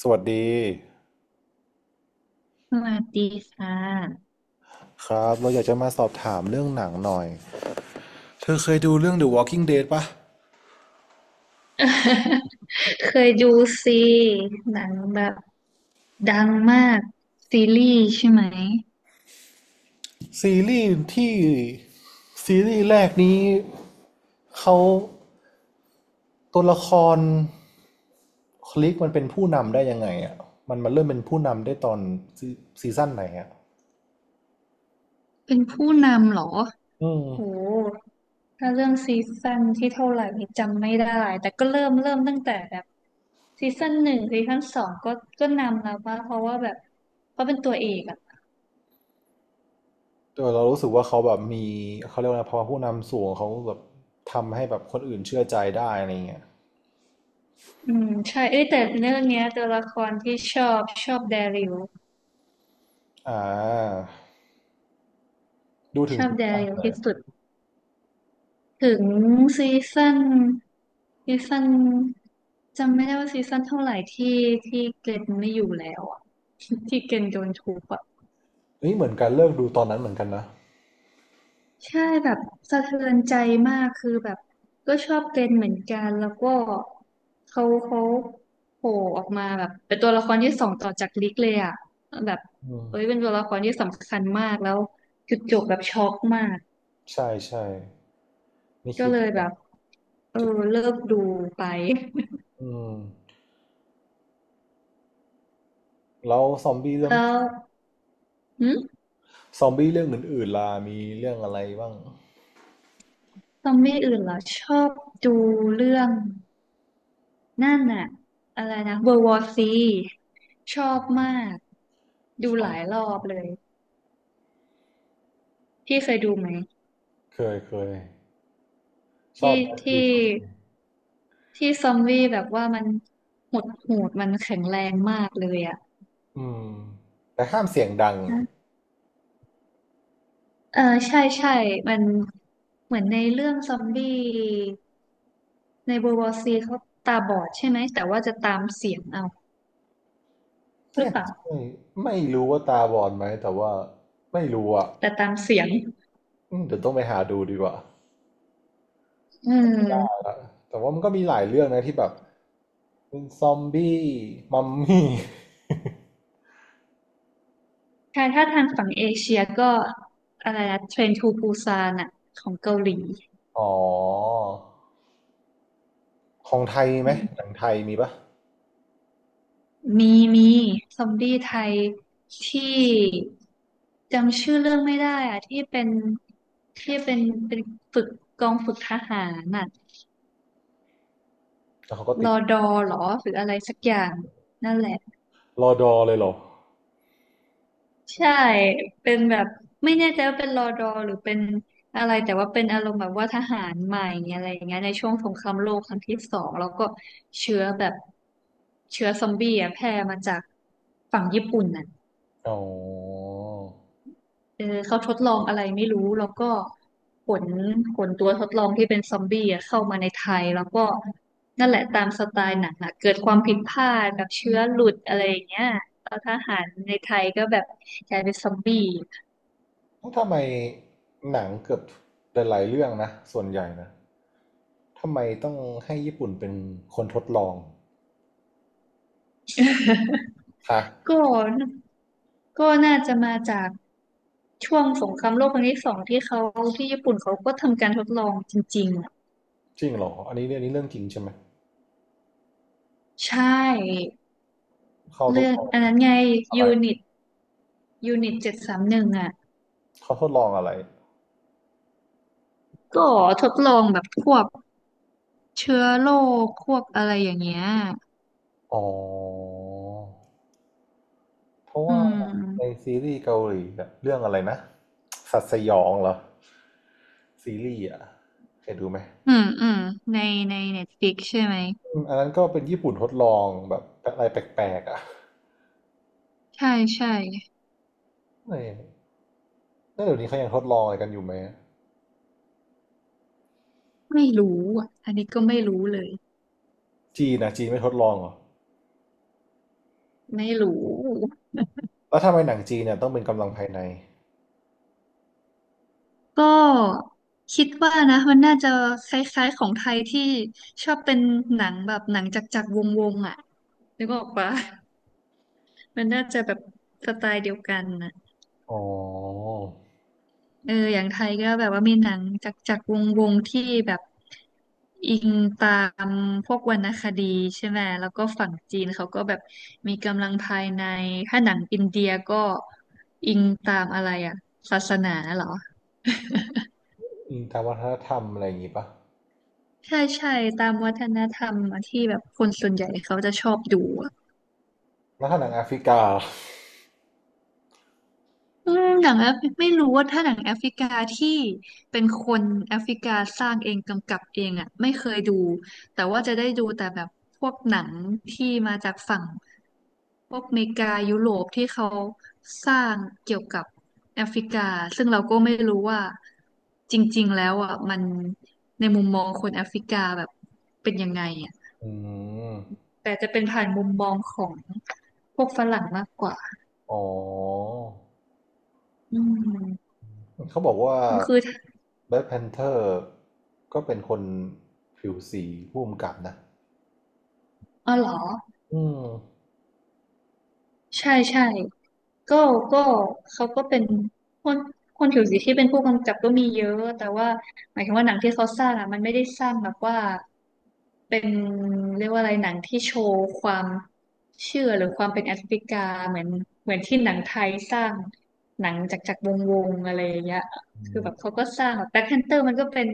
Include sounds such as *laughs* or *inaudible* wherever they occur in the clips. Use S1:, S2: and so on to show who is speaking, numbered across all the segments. S1: สวัสดี
S2: สวัสดีค่ะ
S1: ครับเราอยากจะมาสอบถามเรื่องหนังหน่อยเธอเคยดูเรื่อง The Walking Dead ปะ
S2: *laughs* เคยดูซีหนังแบบดังมากซีรีส์ใช่ไหม
S1: ซีรีส์ที่ซีรีส์แรกนี้เขาตัวละครคลิกมันเป็นผู้นำได้ยังไงอ่ะมันเริ่มเป็นผู้นำได้ตอนซีซีซั่นไหนอ่ะ
S2: เป็นผู้นำเหรอ
S1: อืม
S2: โหถ้าเรื่องซีซั่นที่เท่าไหร่นี่จำไม่ได้แต่ก็เริ่มตั้งแต่แบบซีซั่นหนึ่งซีซั่นสองก็นำแล้วป่ะเพราะว่าแบบเขาเป็นตัวเอกอ่ะ
S1: แต่เรารู้สึกว่าเขาแบบมีเขาเรียกว่าอะไรพอผู้นำสูงเขาแบบทำให้แบบคนอื่นเชื่อใจได้อะไรเงี้ย
S2: อืมใช่เอ้ยแต่เรื่องเนี้ยตัวละครที่ชอบแดริว
S1: อ่าดูถึ
S2: ช
S1: ง
S2: อบ
S1: ทุก
S2: แด
S1: ตอน
S2: ริว
S1: เลย
S2: ที่สุดถึงซีซั่นซีซั่น จำไม่ได้ว่าซีซั่นเท่าไหร่ที่เกรนไม่อยู่แล้วอะ *laughs* ที่เกรนโดนทุบอะ
S1: เฮ้ยเหมือนกันเลิกดูตอนนั้นเหมือนกันนะ
S2: ใช่แบบสะเทือนใจมากคือแบบก็ชอบเกรนเหมือนกันแล้วก็เขาโผล่ออกมาแบบเป็นตัวละครที่สองต่อจากลิกเลยอะแบบ
S1: อืม
S2: เอ้ยเป็นตัวละครที่สำคัญมากแล้วจุดจบแบบช็อกมาก
S1: ใช่ใช่ไม่
S2: ก็
S1: คิด
S2: เลย
S1: แบ
S2: แบ
S1: บ
S2: บเออ
S1: จะ
S2: เลิกดูไป
S1: อืมแล้วซอมบี้
S2: *laughs*
S1: เรื่อง
S2: แล้วหืม
S1: ซอมบี้เรื่องอื่นๆล่ะมีเรื่องอะไรบ้าง
S2: ซอมบี้อื่นเหรอชอบดูเรื่อง นั่นน่ะอะไรนะ World War C ชอบมากดู
S1: ชอ
S2: หลาย
S1: บ
S2: รอบเลยพี่เคยดูไหม
S1: เคยเคยชอบ
S2: ที่
S1: แบลคพี
S2: ที่
S1: ท
S2: ที่ซอมบี้แบบว่ามันหดหูดมันแข็งแรงมากเลยอ่ะ
S1: อืมแต่ห้ามเสียงดัง
S2: นะเออใช่มันเหมือนในเรื่องซอมบี้ใน World War C เขาตาบอดใช่ไหมแต่ว่าจะตามเสียงเอาหรื
S1: เอ้
S2: อ
S1: ย
S2: เปล่า
S1: ไม่ไม่รู้ว่าตาบอดไหมแต่ว่าไม่รู้อ่ะ
S2: แต่ตามเสียง
S1: อืมเดี๋ยวต้องไปหาดูดีกว่า
S2: อืม
S1: แต่ว่ามันก็มีหลายเรื่องนะที่แบบเป็นซอมบี้มัมมี่
S2: ใช่ถ้าทางฝั่งเอเชียก็อะไรนะเทรนทูปูซานอ่ะของเกาหลี
S1: *laughs* อ๋อของไทยไหมหนังไทยมีปะ
S2: มีมีซอมบี้ไทยที่จำชื่อเรื่องไม่ได้อะที่เป็นฝึกกองฝึกทหารน่ะ
S1: แล้วเขาก็
S2: ร
S1: ติด
S2: อดอหรอหรืออะไรสักอย่างนั่นแหละ
S1: รอดอเลยเหรอ
S2: ใช่เป็นแบบไม่แน่ใจว่าเป็นรอดอหรือเป็นอะไรแต่ว่าเป็นอารมณ์แบบว่าทหารใหม่อะไรอย่างเงี้ยในช่วงสงครามโลกครั้งที่สองแล้วก็เชื้อแบบเชื้อซอมบี้อะแพร่มาจากฝั่งญี่ปุ่นน่ะ
S1: อ๋อ
S2: เออเขาทดลองอะไรไม่รู้แล้วก็ขนขนตัวทดลองที่เป็นซอมบี้อะเข้ามาในไทยแล้วก็นั่นแหละตามสไตล์หนังอะเกิดความผิดพลาดแบบเชื้อหลุดอะไรอย่างเงี้ยแล้วทหารในไทยก็แบบกลายเป็นซอมบี้
S1: ทำไมหนังเกือบหลายๆเรื่องนะส่วนใหญ่นะทำไมต้องให้ญี่ปุ่นเป็นคนทดลองฮะ
S2: *laughs* ก็ก็น่าจะมาจากช่วงสงครามโลกครั้งที่สองที่เขาที่ญี่ปุ่นเขาก็ทำการทดลองจริงๆ
S1: จริงเหรออันนี้เรื่องนี้เรื่องจริงใช่ไหม
S2: ใช่
S1: เขาท
S2: เรื่
S1: ด
S2: อง
S1: ลอง
S2: อันนั้นไง
S1: อะ
S2: ยู
S1: ไร
S2: นิตยูนิต731อ่ะ
S1: เขาทดลองอะไร
S2: ก็ทดลองแบบควบเชื้อโรคอะไรอย่างเงี้ย
S1: อ๋อเพราะ
S2: อื
S1: ว่าใน
S2: ม
S1: ซีรีส์เกาหลีอะเรื่องอะไรนะสัตว์สยองเหรอซีรีส์อะเคยดูไหม
S2: อืมอืมในในเน็ตฟลิกใช่ไหม
S1: อืมอันนั้นก็เป็นญี่ปุ่นทดลองแบบอะไรแปลกๆอะ
S2: ใช่ใช่
S1: แล้วเดี๋ยวนี้เขายังทดลองอะไรกันอยู่ไหม
S2: ไม่รู้อ่ะอันนี้ก็ไม่รู้เลย
S1: จีนนะจีนไม่ทดลองเหรอ
S2: ไม่รู้
S1: แล้วทำไมหนังจีนเนี่ยต้องเป็นกำลังภายใน
S2: ก็คิดว่านะมันน่าจะคล้ายๆของไทยที่ชอบเป็นหนังแบบหนังจักรๆวงๆอ่ะนึกออกปะ *laughs* มันน่าจะแบบสไตล์เดียวกันนะ
S1: อ๋อ
S2: เอออย่างไทยก็แบบว่ามีหนังจากวงวงที่แบบอิงตามพวกวรรณคดีใช่ไหม แล้วก็ฝั่งจีนเขาก็แบบมีกำลังภายใน ถ้าหนังอินเดียก็อิงตามอะไรอะศาสนาเหรอ *laughs*
S1: อิงตามวัฒนธรรมอะไรอย่างงี้ปะ
S2: ใช่ใช่ตามวัฒนธรรมที่แบบคนส่วนใหญ่เขาจะชอบดู
S1: แล้วถ้าหนังแอฟริกาล่ะ
S2: อืมหนังแอฟไม่รู้ว่าถ้าหนังแอฟริกาที่เป็นคนแอฟริกาสร้างเองกำกับเองอ่ะไม่เคยดูแต่ว่าจะได้ดูแต่แบบพวกหนังที่มาจากฝั่งพวกอเมริกายุโรปที่เขาสร้างเกี่ยวกับแอฟริกาซึ่งเราก็ไม่รู้ว่าจริงๆแล้วอ่ะมันในมุมมองคนแอฟริกาแบบเป็นยังไงอ่ะ
S1: อืม
S2: แต่จะเป็นผ่านมุมมองของพวกฝรั่งมากกว่า
S1: อ๋อ
S2: อืม
S1: เขาบอกว่า
S2: ก็คือ
S1: แบล็ c k พนเทอร์ก็เป็นคนผิวสีผู้กำกับนะ
S2: อ๋อเหรอ
S1: อืม
S2: ใช่ก็ก็เขาก็เป็นคนคนผิวสีที่เป็นผู้กำกับก็มีเยอะแต่ว่าหมายถึงว่าหนังที่เขาสร้างอ่ะมันไม่ได้สร้างแบบว่าเป็นเรียกว่าอะไรหนังที่โชว์ความเชื่อหรือความเป็นแอฟริกาเหมือนเหมือนที่หนังไทยสร้างหนังจากวงวงอะไรอย่างเงี้ย
S1: อื
S2: คือแบบ
S1: ม
S2: เขาก็สร้างแบบแบล็คแพนเตอร์มันก็เป็น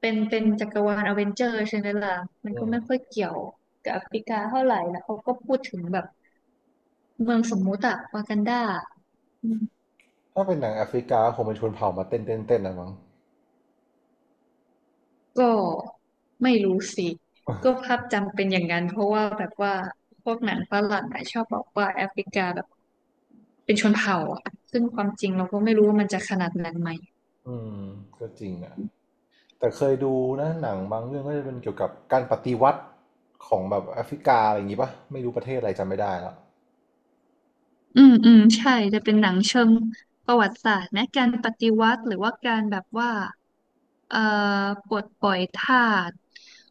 S2: เป็นเป็นจักรวาลอเวนเจอร์ใช่ไหมล่ะมัน
S1: อื
S2: ก็ไม่ค่อย
S1: ม
S2: เกี่ยวกับแอฟริกาเท่าไหร่แล้วเขาก็พูดถึงแบบ เมืองสมมุติอะวากันดาอืม
S1: ถ้าเป็นหนังแอฟริกาคงเป็นชนเผ่ามาเต้นเต้นเต้นนะมั้ง
S2: ก็ไม่รู้สิก็ภาพจำเป็นอย่างนั้นเพราะว่าแบบว่าพวกหนังฝรั่งอะชอบบอกว่าแอฟริกาแบบเป็นชนเผ่าอะซึ่งความจริงเราก็ไม่รู้ว่ามันจะขนาดนั้นไหม
S1: อืมก็จริงอ่ะ แต่เคยดูนะหนังบางเรื่องก็จะเป็นเกี่ยวกับการปฏิวัติของแบบแอฟริกาอะไรอย่างงี้ปะไม่รู้ประเทศอะไรจำไม่ได้แล้ว
S2: อืมใช่ จะเป็นหนังเชิงประวัติศาสตร์นะการปฏิวัติหรือว่าการแบบว่าเอ่อปลดปล่อยทาส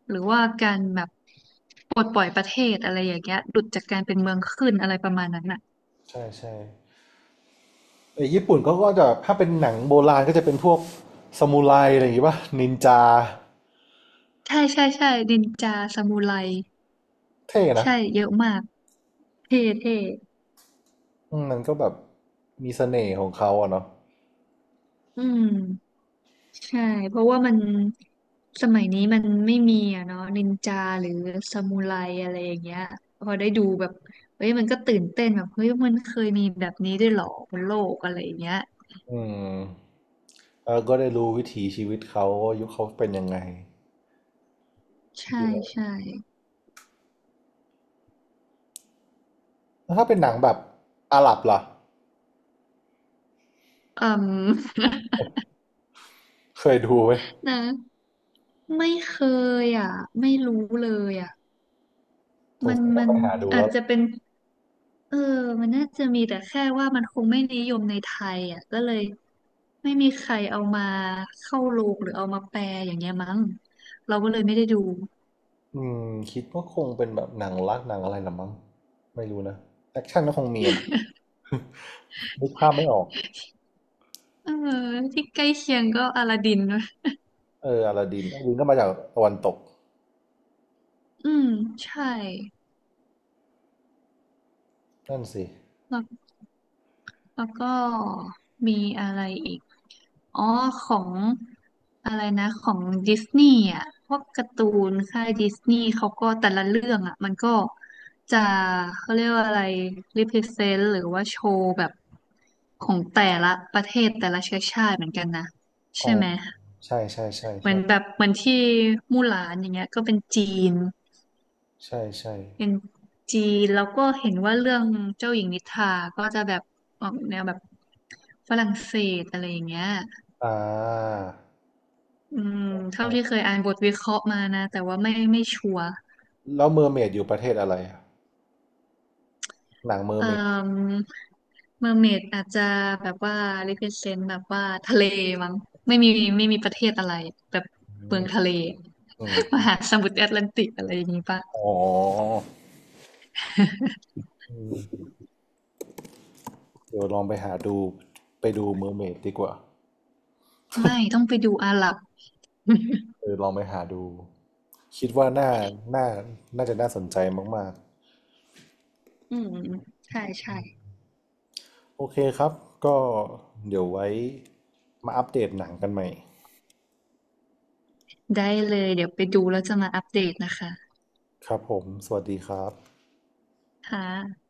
S2: หรือว่าการแบบปลดปล่อยประเทศอะไรอย่างเงี้ยหลุดจากการเป็นเมืองขึ้นอะไรประมาณนั้นอ่ะ
S1: ใช่ใช่ไอ้ญี่ปุ่นก็จะถ้าเป็นหนังโบราณก็จะเป็นพวกซามูไรอะไรอย่างงี้ปะนินจา
S2: ใช่นินจาซามูไร
S1: เท่นะ
S2: ใช่เยอะมากเท่
S1: อืมมันก็แบบมีเสน่ห์ของเขาอะเนาะ
S2: อืมใช่เพราะว่ามันสมัยนี้มันไม่มีอะเนาะนินจาหรือซามูไรอะไรอย่างเงี้ยพอได้ดูแบบเฮ้ยมันก็ตื่นเต้นแบบเฮ้ยมันเคยมีแบบนี้ด้วยเหรอบนโลกอะไรอย่างเงี้ย
S1: อืมแล้วก็ได้รู้วิถีชีวิตเขาว่ายุคเขาเป็นยังไง
S2: ใช่
S1: ดูแบบ
S2: ใช่
S1: แล้วถ้าเป็นหนังแบบอาหรับล่ะ
S2: อืม
S1: เคยดูไหม
S2: *laughs* นะไม่เคยอ่ะไม่รู้เลยอ่ะ
S1: สง
S2: มัน
S1: สัยต้อ
S2: มั
S1: ง
S2: น
S1: ไปหาดู
S2: อา
S1: แล้
S2: จ
S1: ว
S2: จะเป็น เออมันน่าจะมีแต่แค่ว่ามันคงไม่นิยมในไทยอ่ะก็เลยไม่มีใครเอามาเข้าโรงหรือเอามาแปลอย่างเงี้ยมั้งเราก็เลยไม่ได้ดู
S1: อืมคิดว่าคงเป็นแบบหนังรักหนังอะไรละมั้งไม่รู้นะแอคชั่นก็คงมีอะมั้งนึกภาพไม่ออก
S2: เออที่ใกล้เคียงก็อลาดินนะ
S1: เอออลาดินอลาดินก็มาจากตะวันตก
S2: อืมใช่
S1: นั่นสิ
S2: แล้วแล้วก็มีอะไรอีก อ๋อของอะไรนะของดิสนีย์อ่ะพวกการ์ตูนค่ายดิสนีย์เขาก็แต่ละเรื่องอ่ะมันก็จะเขาเรียกว่าอะไรรีเพรเซนต์หรือว่าโชว์แบบของแต่ละประเทศแต่ละเชื้อชาติเหมือนกันนะใช่
S1: อ๋อ
S2: ไหม
S1: ใช่ใช่ใช่
S2: เหมือ
S1: ใช่
S2: นแบบเหมือนที่มู่หลานอย่างเงี้ยก็เป็นจีน
S1: ใช่ใช่
S2: เป็นนแล้วก็เห็นว่าเรื่องเจ้าหญิงนิทราก็จะแบบออกแนวแบบฝรั่งเศสอะไรอย่างเงี้ย
S1: อ่า
S2: อืมเท่าที่เค
S1: ใช่
S2: ยอ่านบทวิเคราะห์มานะแต่ว่าไม่ชัวร์
S1: แล้วเมอร์เมดอยู่ประเทศอะไรอะหนังเมอร์
S2: เอ่
S1: เมด
S2: อเมอร์เมดอาจจะแบบว่า represent แบบว่าทะเลมั้งไม่มีไม่มีประเทศอะไรแบบ
S1: อื
S2: เมือ
S1: ม
S2: งทะเล
S1: อืม
S2: *laughs* มหาสมุทรแอตแลนติกอะไรอย่างนี้ปะ
S1: อ๋ออืมเดี๋ยวลองไปหาดูไปดูเมอร์เมดดีกว่า
S2: ไม่ต้องไปดูอาหรับ *laughs*
S1: เออลองไปหาดูคิดว่าน่าน่าจะน่าสนใจมากๆ
S2: อืมใช่
S1: โอเคครับ ก็เดี๋ยวไว้มาอัปเดตหนังกันใหม่
S2: ได้เลยเดี๋ยวไปดูแล้วจะมาอัปเดตนะคะ
S1: ครับผมสวัสดีครับ
S2: ค่ะ